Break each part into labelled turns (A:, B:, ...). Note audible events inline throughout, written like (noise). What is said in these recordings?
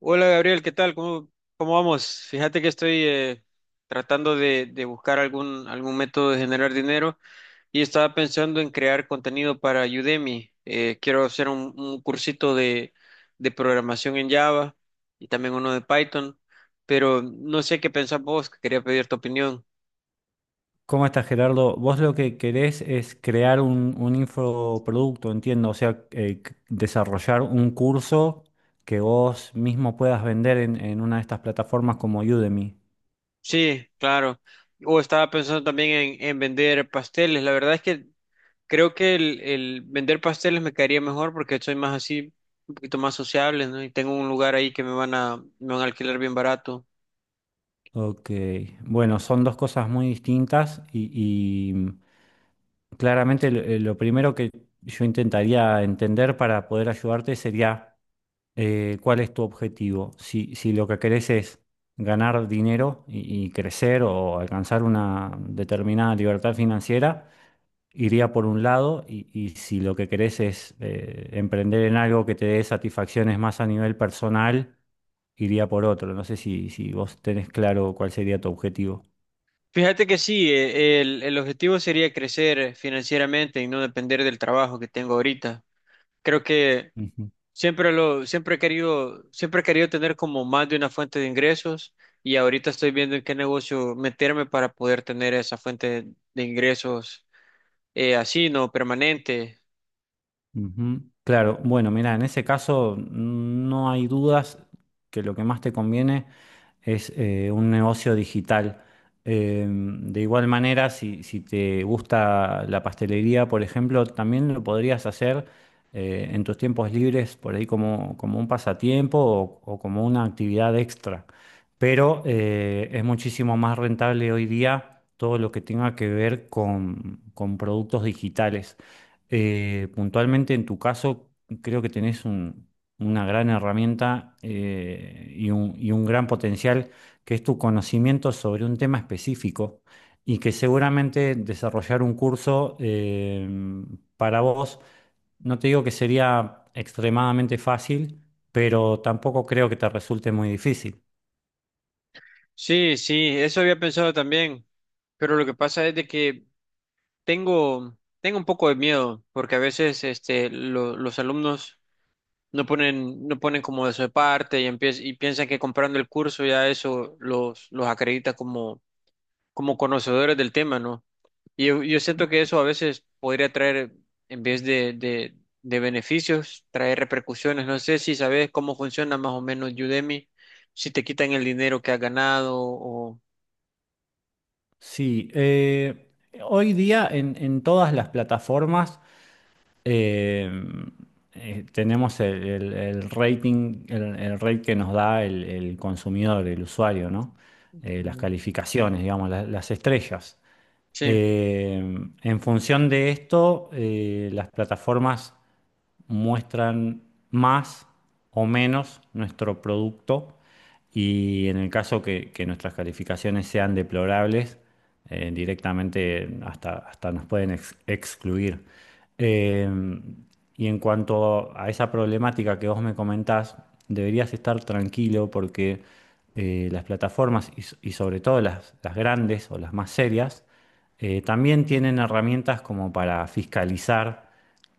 A: Hola Gabriel, ¿qué tal? ¿Cómo vamos? Fíjate que estoy tratando de buscar algún método de generar dinero y estaba pensando en crear contenido para Udemy. Quiero hacer un cursito de programación en Java y también uno de Python, pero no sé qué pensás vos, que quería pedir tu opinión.
B: ¿Cómo estás, Gerardo? Vos lo que querés es crear un infoproducto, entiendo, o sea, desarrollar un curso que vos mismo puedas vender en una de estas plataformas como Udemy.
A: Sí, claro. O estaba pensando también en vender pasteles. La verdad es que creo que el vender pasteles me caería mejor porque soy más así, un poquito más sociable, ¿no? Y tengo un lugar ahí que me van me van a alquilar bien barato.
B: Ok, bueno, son dos cosas muy distintas y, claramente lo primero que yo intentaría entender para poder ayudarte sería cuál es tu objetivo. Si lo que querés es ganar dinero y crecer o alcanzar una determinada libertad financiera, iría por un lado y si lo que querés es emprender en algo que te dé satisfacciones más a nivel personal, iría por otro. No sé si vos tenés claro cuál sería tu objetivo.
A: Fíjate que sí, el objetivo sería crecer financieramente y no depender del trabajo que tengo ahorita. Creo que
B: Ujú,
A: siempre he querido tener como más de una fuente de ingresos y ahorita estoy viendo en qué negocio meterme para poder tener esa fuente de ingresos así, ¿no? Permanente.
B: ujú. Claro, bueno, mira, en ese caso no hay dudas que lo que más te conviene es un negocio digital. De igual manera, si te gusta la pastelería, por ejemplo, también lo podrías hacer en tus tiempos libres, por ahí como, como un pasatiempo o como una actividad extra. Pero es muchísimo más rentable hoy día todo lo que tenga que ver con productos digitales. Puntualmente, en tu caso, creo que tenés un una gran herramienta y un gran potencial, que es tu conocimiento sobre un tema específico y que seguramente desarrollar un curso para vos, no te digo que sería extremadamente fácil, pero tampoco creo que te resulte muy difícil.
A: Sí, sí, eso había pensado también, pero lo que pasa es de que tengo un poco de miedo, porque a veces los alumnos no ponen como de su parte y, y piensan que comprando el curso ya eso los acredita como, como conocedores del tema, ¿no? Y yo siento que eso a veces podría traer, en vez de beneficios, traer repercusiones. No sé si sabes cómo funciona más o menos Udemy, si te quitan el dinero que has ganado o...
B: Sí, hoy día en todas las plataformas eh, tenemos el rating, el rate que nos da el consumidor, el usuario, ¿no? Las calificaciones, digamos, las estrellas.
A: Sí,
B: Eh, en función de esto, las plataformas muestran más o menos nuestro producto y en el caso que nuestras calificaciones sean deplorables, directamente hasta nos pueden excluir. Eh, y en cuanto a esa problemática que vos me comentás, deberías estar tranquilo porque las plataformas y sobre todo las grandes o las más serias también tienen herramientas como para fiscalizar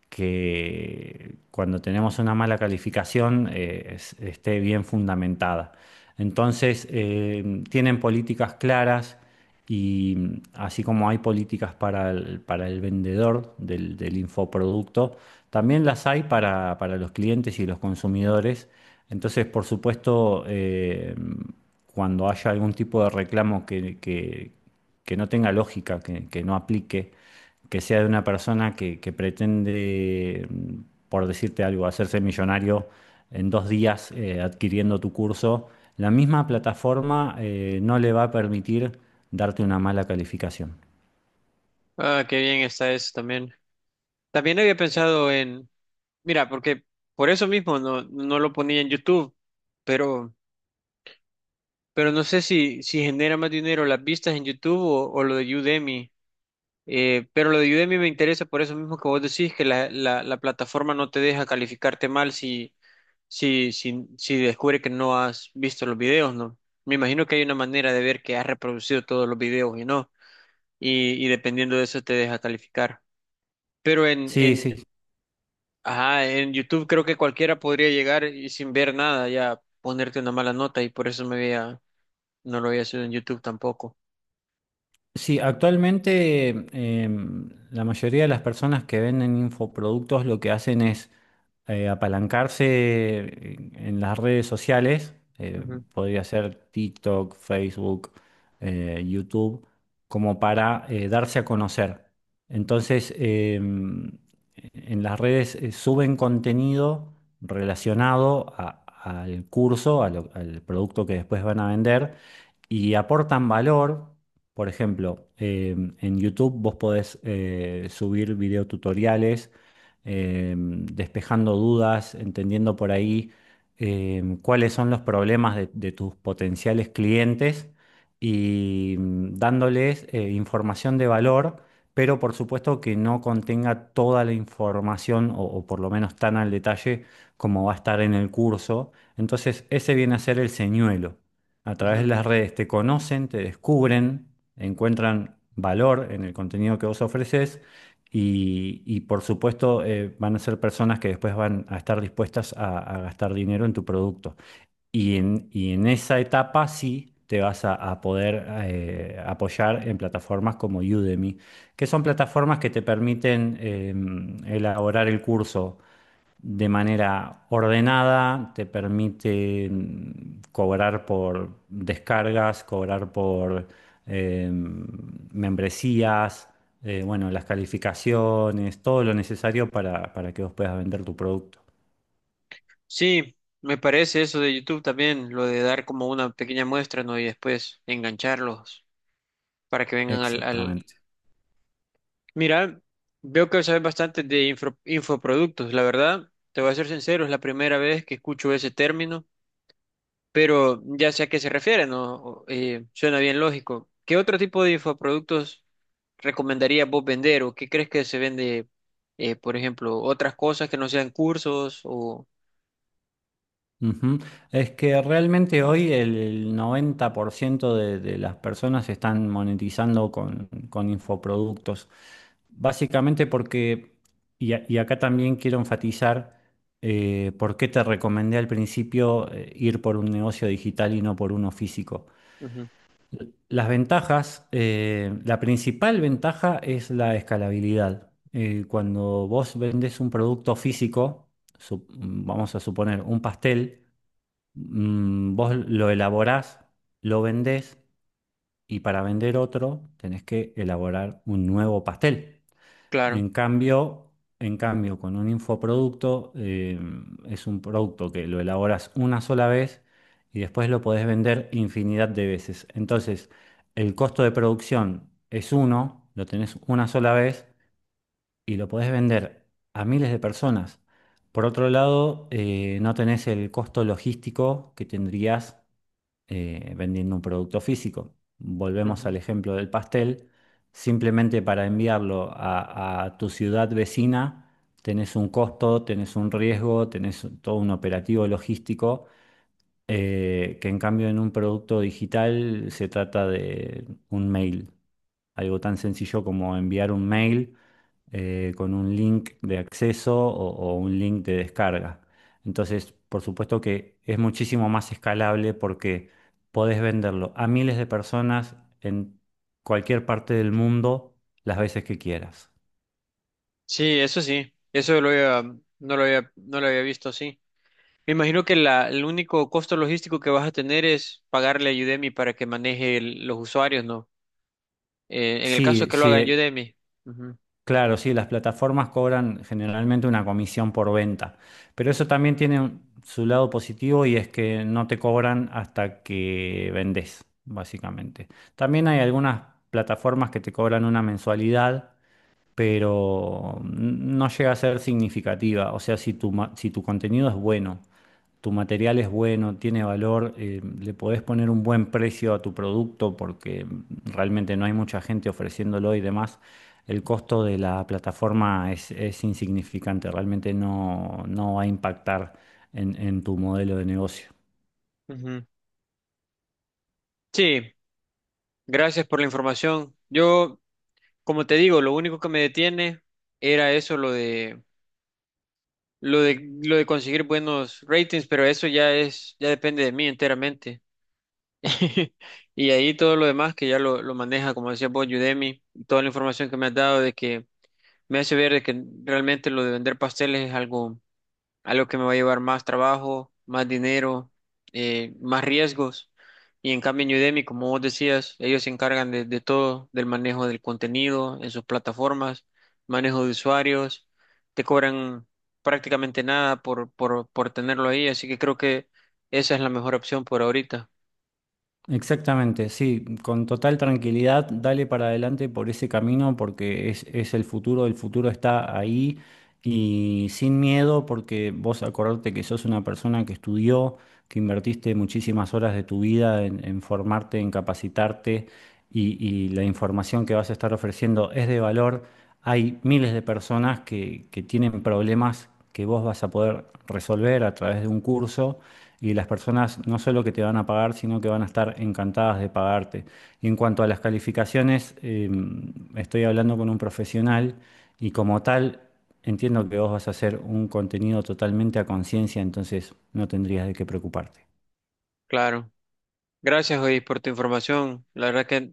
B: que cuando tenemos una mala calificación esté bien fundamentada. Entonces, tienen políticas claras y así como hay políticas para el vendedor del, del infoproducto, también las hay para los clientes y los consumidores. Entonces, por supuesto, cuando haya algún tipo de reclamo que no tenga lógica, que no aplique, que sea de una persona que pretende, por decirte algo, hacerse millonario en dos días adquiriendo tu curso, la misma plataforma no le va a permitir darte una mala calificación.
A: ah, qué bien está eso también. También había pensado en, mira, porque por eso mismo no lo ponía en YouTube, pero, pero no sé si genera más dinero las vistas en YouTube o lo de Udemy. Pero lo de Udemy me interesa por eso mismo que vos decís que la plataforma no te deja calificarte mal si descubre que no has visto los videos, ¿no? Me imagino que hay una manera de ver que has reproducido todos los videos y no, y dependiendo de eso te deja calificar. Pero
B: Sí, sí,
A: ajá, en YouTube creo que cualquiera podría llegar y sin ver nada ya ponerte una mala nota y por eso me había, no lo había hecho en YouTube tampoco.
B: Sí, actualmente la mayoría de las personas que venden infoproductos lo que hacen es apalancarse en las redes sociales,
A: Ujú,
B: podría ser TikTok, Facebook, YouTube, como para darse a conocer. Entonces, en las redes suben contenido relacionado al curso, al producto que después van a vender y aportan valor. Por ejemplo, en YouTube vos podés subir videotutoriales despejando dudas, entendiendo por ahí cuáles son los problemas de tus potenciales clientes y dándoles información de valor, pero por supuesto que no contenga toda la información o por lo menos tan al detalle como va a estar en el curso. Entonces, ese viene a ser el señuelo. A través de
A: ujú.
B: las redes te conocen, te descubren, encuentran valor en el contenido que vos ofreces y, por supuesto van a ser personas que después van a estar dispuestas a gastar dinero en tu producto. Y en esa etapa sí te vas a poder apoyar en plataformas como Udemy, que son plataformas que te permiten elaborar el curso de manera ordenada, te permite cobrar por descargas, cobrar por membresías, bueno, las calificaciones, todo lo necesario para que vos puedas vender tu producto.
A: Sí, me parece eso de YouTube también, lo de dar como una pequeña muestra, ¿no? Y después engancharlos para que vengan al...
B: Exactamente.
A: Mira, veo que sabes bastante de infoproductos, la verdad, te voy a ser sincero, es la primera vez que escucho ese término, pero ya sé a qué se refiere, ¿no? O- suena bien lógico. ¿Qué otro tipo de infoproductos recomendarías vos vender o qué crees que se vende, por ejemplo, otras cosas que no sean cursos o...?
B: Ujú. Es que realmente hoy el 90% de las personas están monetizando con infoproductos. Básicamente porque, y acá también quiero enfatizar por qué te recomendé al principio ir por un negocio digital y no por uno físico.
A: Ujú,
B: Las ventajas, la principal ventaja es la escalabilidad. Cuando vos vendés un producto físico, vamos a suponer un pastel. Vos lo elaborás, lo vendés y para vender otro tenés que elaborar un nuevo pastel.
A: claro.
B: En cambio, en cambio, con un infoproducto es un producto que lo elaboras una sola vez y después lo podés vender infinidad de veces. Entonces, el costo de producción es uno, lo tenés una sola vez y lo podés vender a miles de personas. Por otro lado, no tenés el costo logístico que tendrías vendiendo un producto físico. Volvemos al
A: Ujú.
B: ejemplo del pastel. Simplemente para enviarlo a tu ciudad vecina, tenés un costo, tenés un riesgo, tenés todo un operativo logístico, que en cambio en un producto digital se trata de un mail. Algo tan sencillo como enviar un mail con un link de acceso o un link de descarga. Entonces, por supuesto que es muchísimo más escalable porque podés venderlo a miles de personas en cualquier parte del mundo las veces que quieras.
A: Sí, eso lo había- mm, no lo había, no lo había visto así. Me imagino que el único costo logístico que vas a tener es pagarle a Udemy para que maneje los usuarios, ¿no? En el caso
B: Sí,
A: que lo haga en
B: sí.
A: Udemy. Ujú,
B: Claro, sí, las plataformas cobran generalmente una comisión por venta, pero eso también tiene su lado positivo y es que no te cobran hasta que vendes, básicamente. También hay algunas plataformas que te cobran una mensualidad pero no llega a ser significativa. O sea, si tu contenido es bueno, tu material es bueno, tiene valor, le podés poner un buen precio a tu producto porque realmente no hay mucha gente ofreciéndolo y demás, el costo de la plataforma es insignificante, realmente no, no va a impactar en tu modelo de negocio.
A: ujú. Sí, gracias por la información. Yo, como te digo, lo único que me detiene era eso, lo de... lo de conseguir buenos ratings, pero eso ya es, ya depende de mí enteramente. (laughs) Y ahí todo lo demás que ya lo maneja, como decía vos, Udemy, toda la información que me has dado de que me hace ver de que realmente lo de vender pasteles es algo que me va a llevar más trabajo, más dinero, más riesgos. Y en cambio en Udemy, como vos decías, ellos se encargan de todo, del manejo del contenido en sus plataformas, manejo de usuarios, te cobran prácticamente nada por tenerlo ahí, así que creo que esa es la mejor opción por ahorita.
B: Exactamente, sí, con total tranquilidad, dale para adelante por ese camino porque es el futuro está ahí y sin miedo porque vos acordate que sos una persona que estudió, que invertiste muchísimas horas de tu vida en formarte, en capacitarte y la información que vas a estar ofreciendo es de valor. Hay miles de personas que tienen problemas que vos vas a poder resolver a través de un curso y las personas no solo que te van a pagar, sino que van a estar encantadas de pagarte. Y en cuanto a las calificaciones, estoy hablando con un profesional y como tal, entiendo que vos vas a hacer un contenido totalmente a conciencia, entonces no tendrías de qué preocuparte.
A: Claro. Gracias, hoy por tu información. La verdad que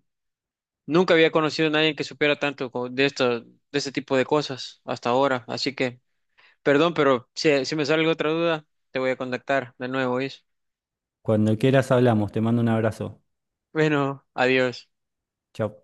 A: nunca había conocido a nadie que supiera tanto de esto, de este tipo de cosas hasta ahora, así que perdón, pero si me sale alguna otra duda, te voy a contactar de nuevo, ¿oís?
B: Cuando quieras hablamos, te mando un abrazo.
A: Bueno, adiós.
B: Chao.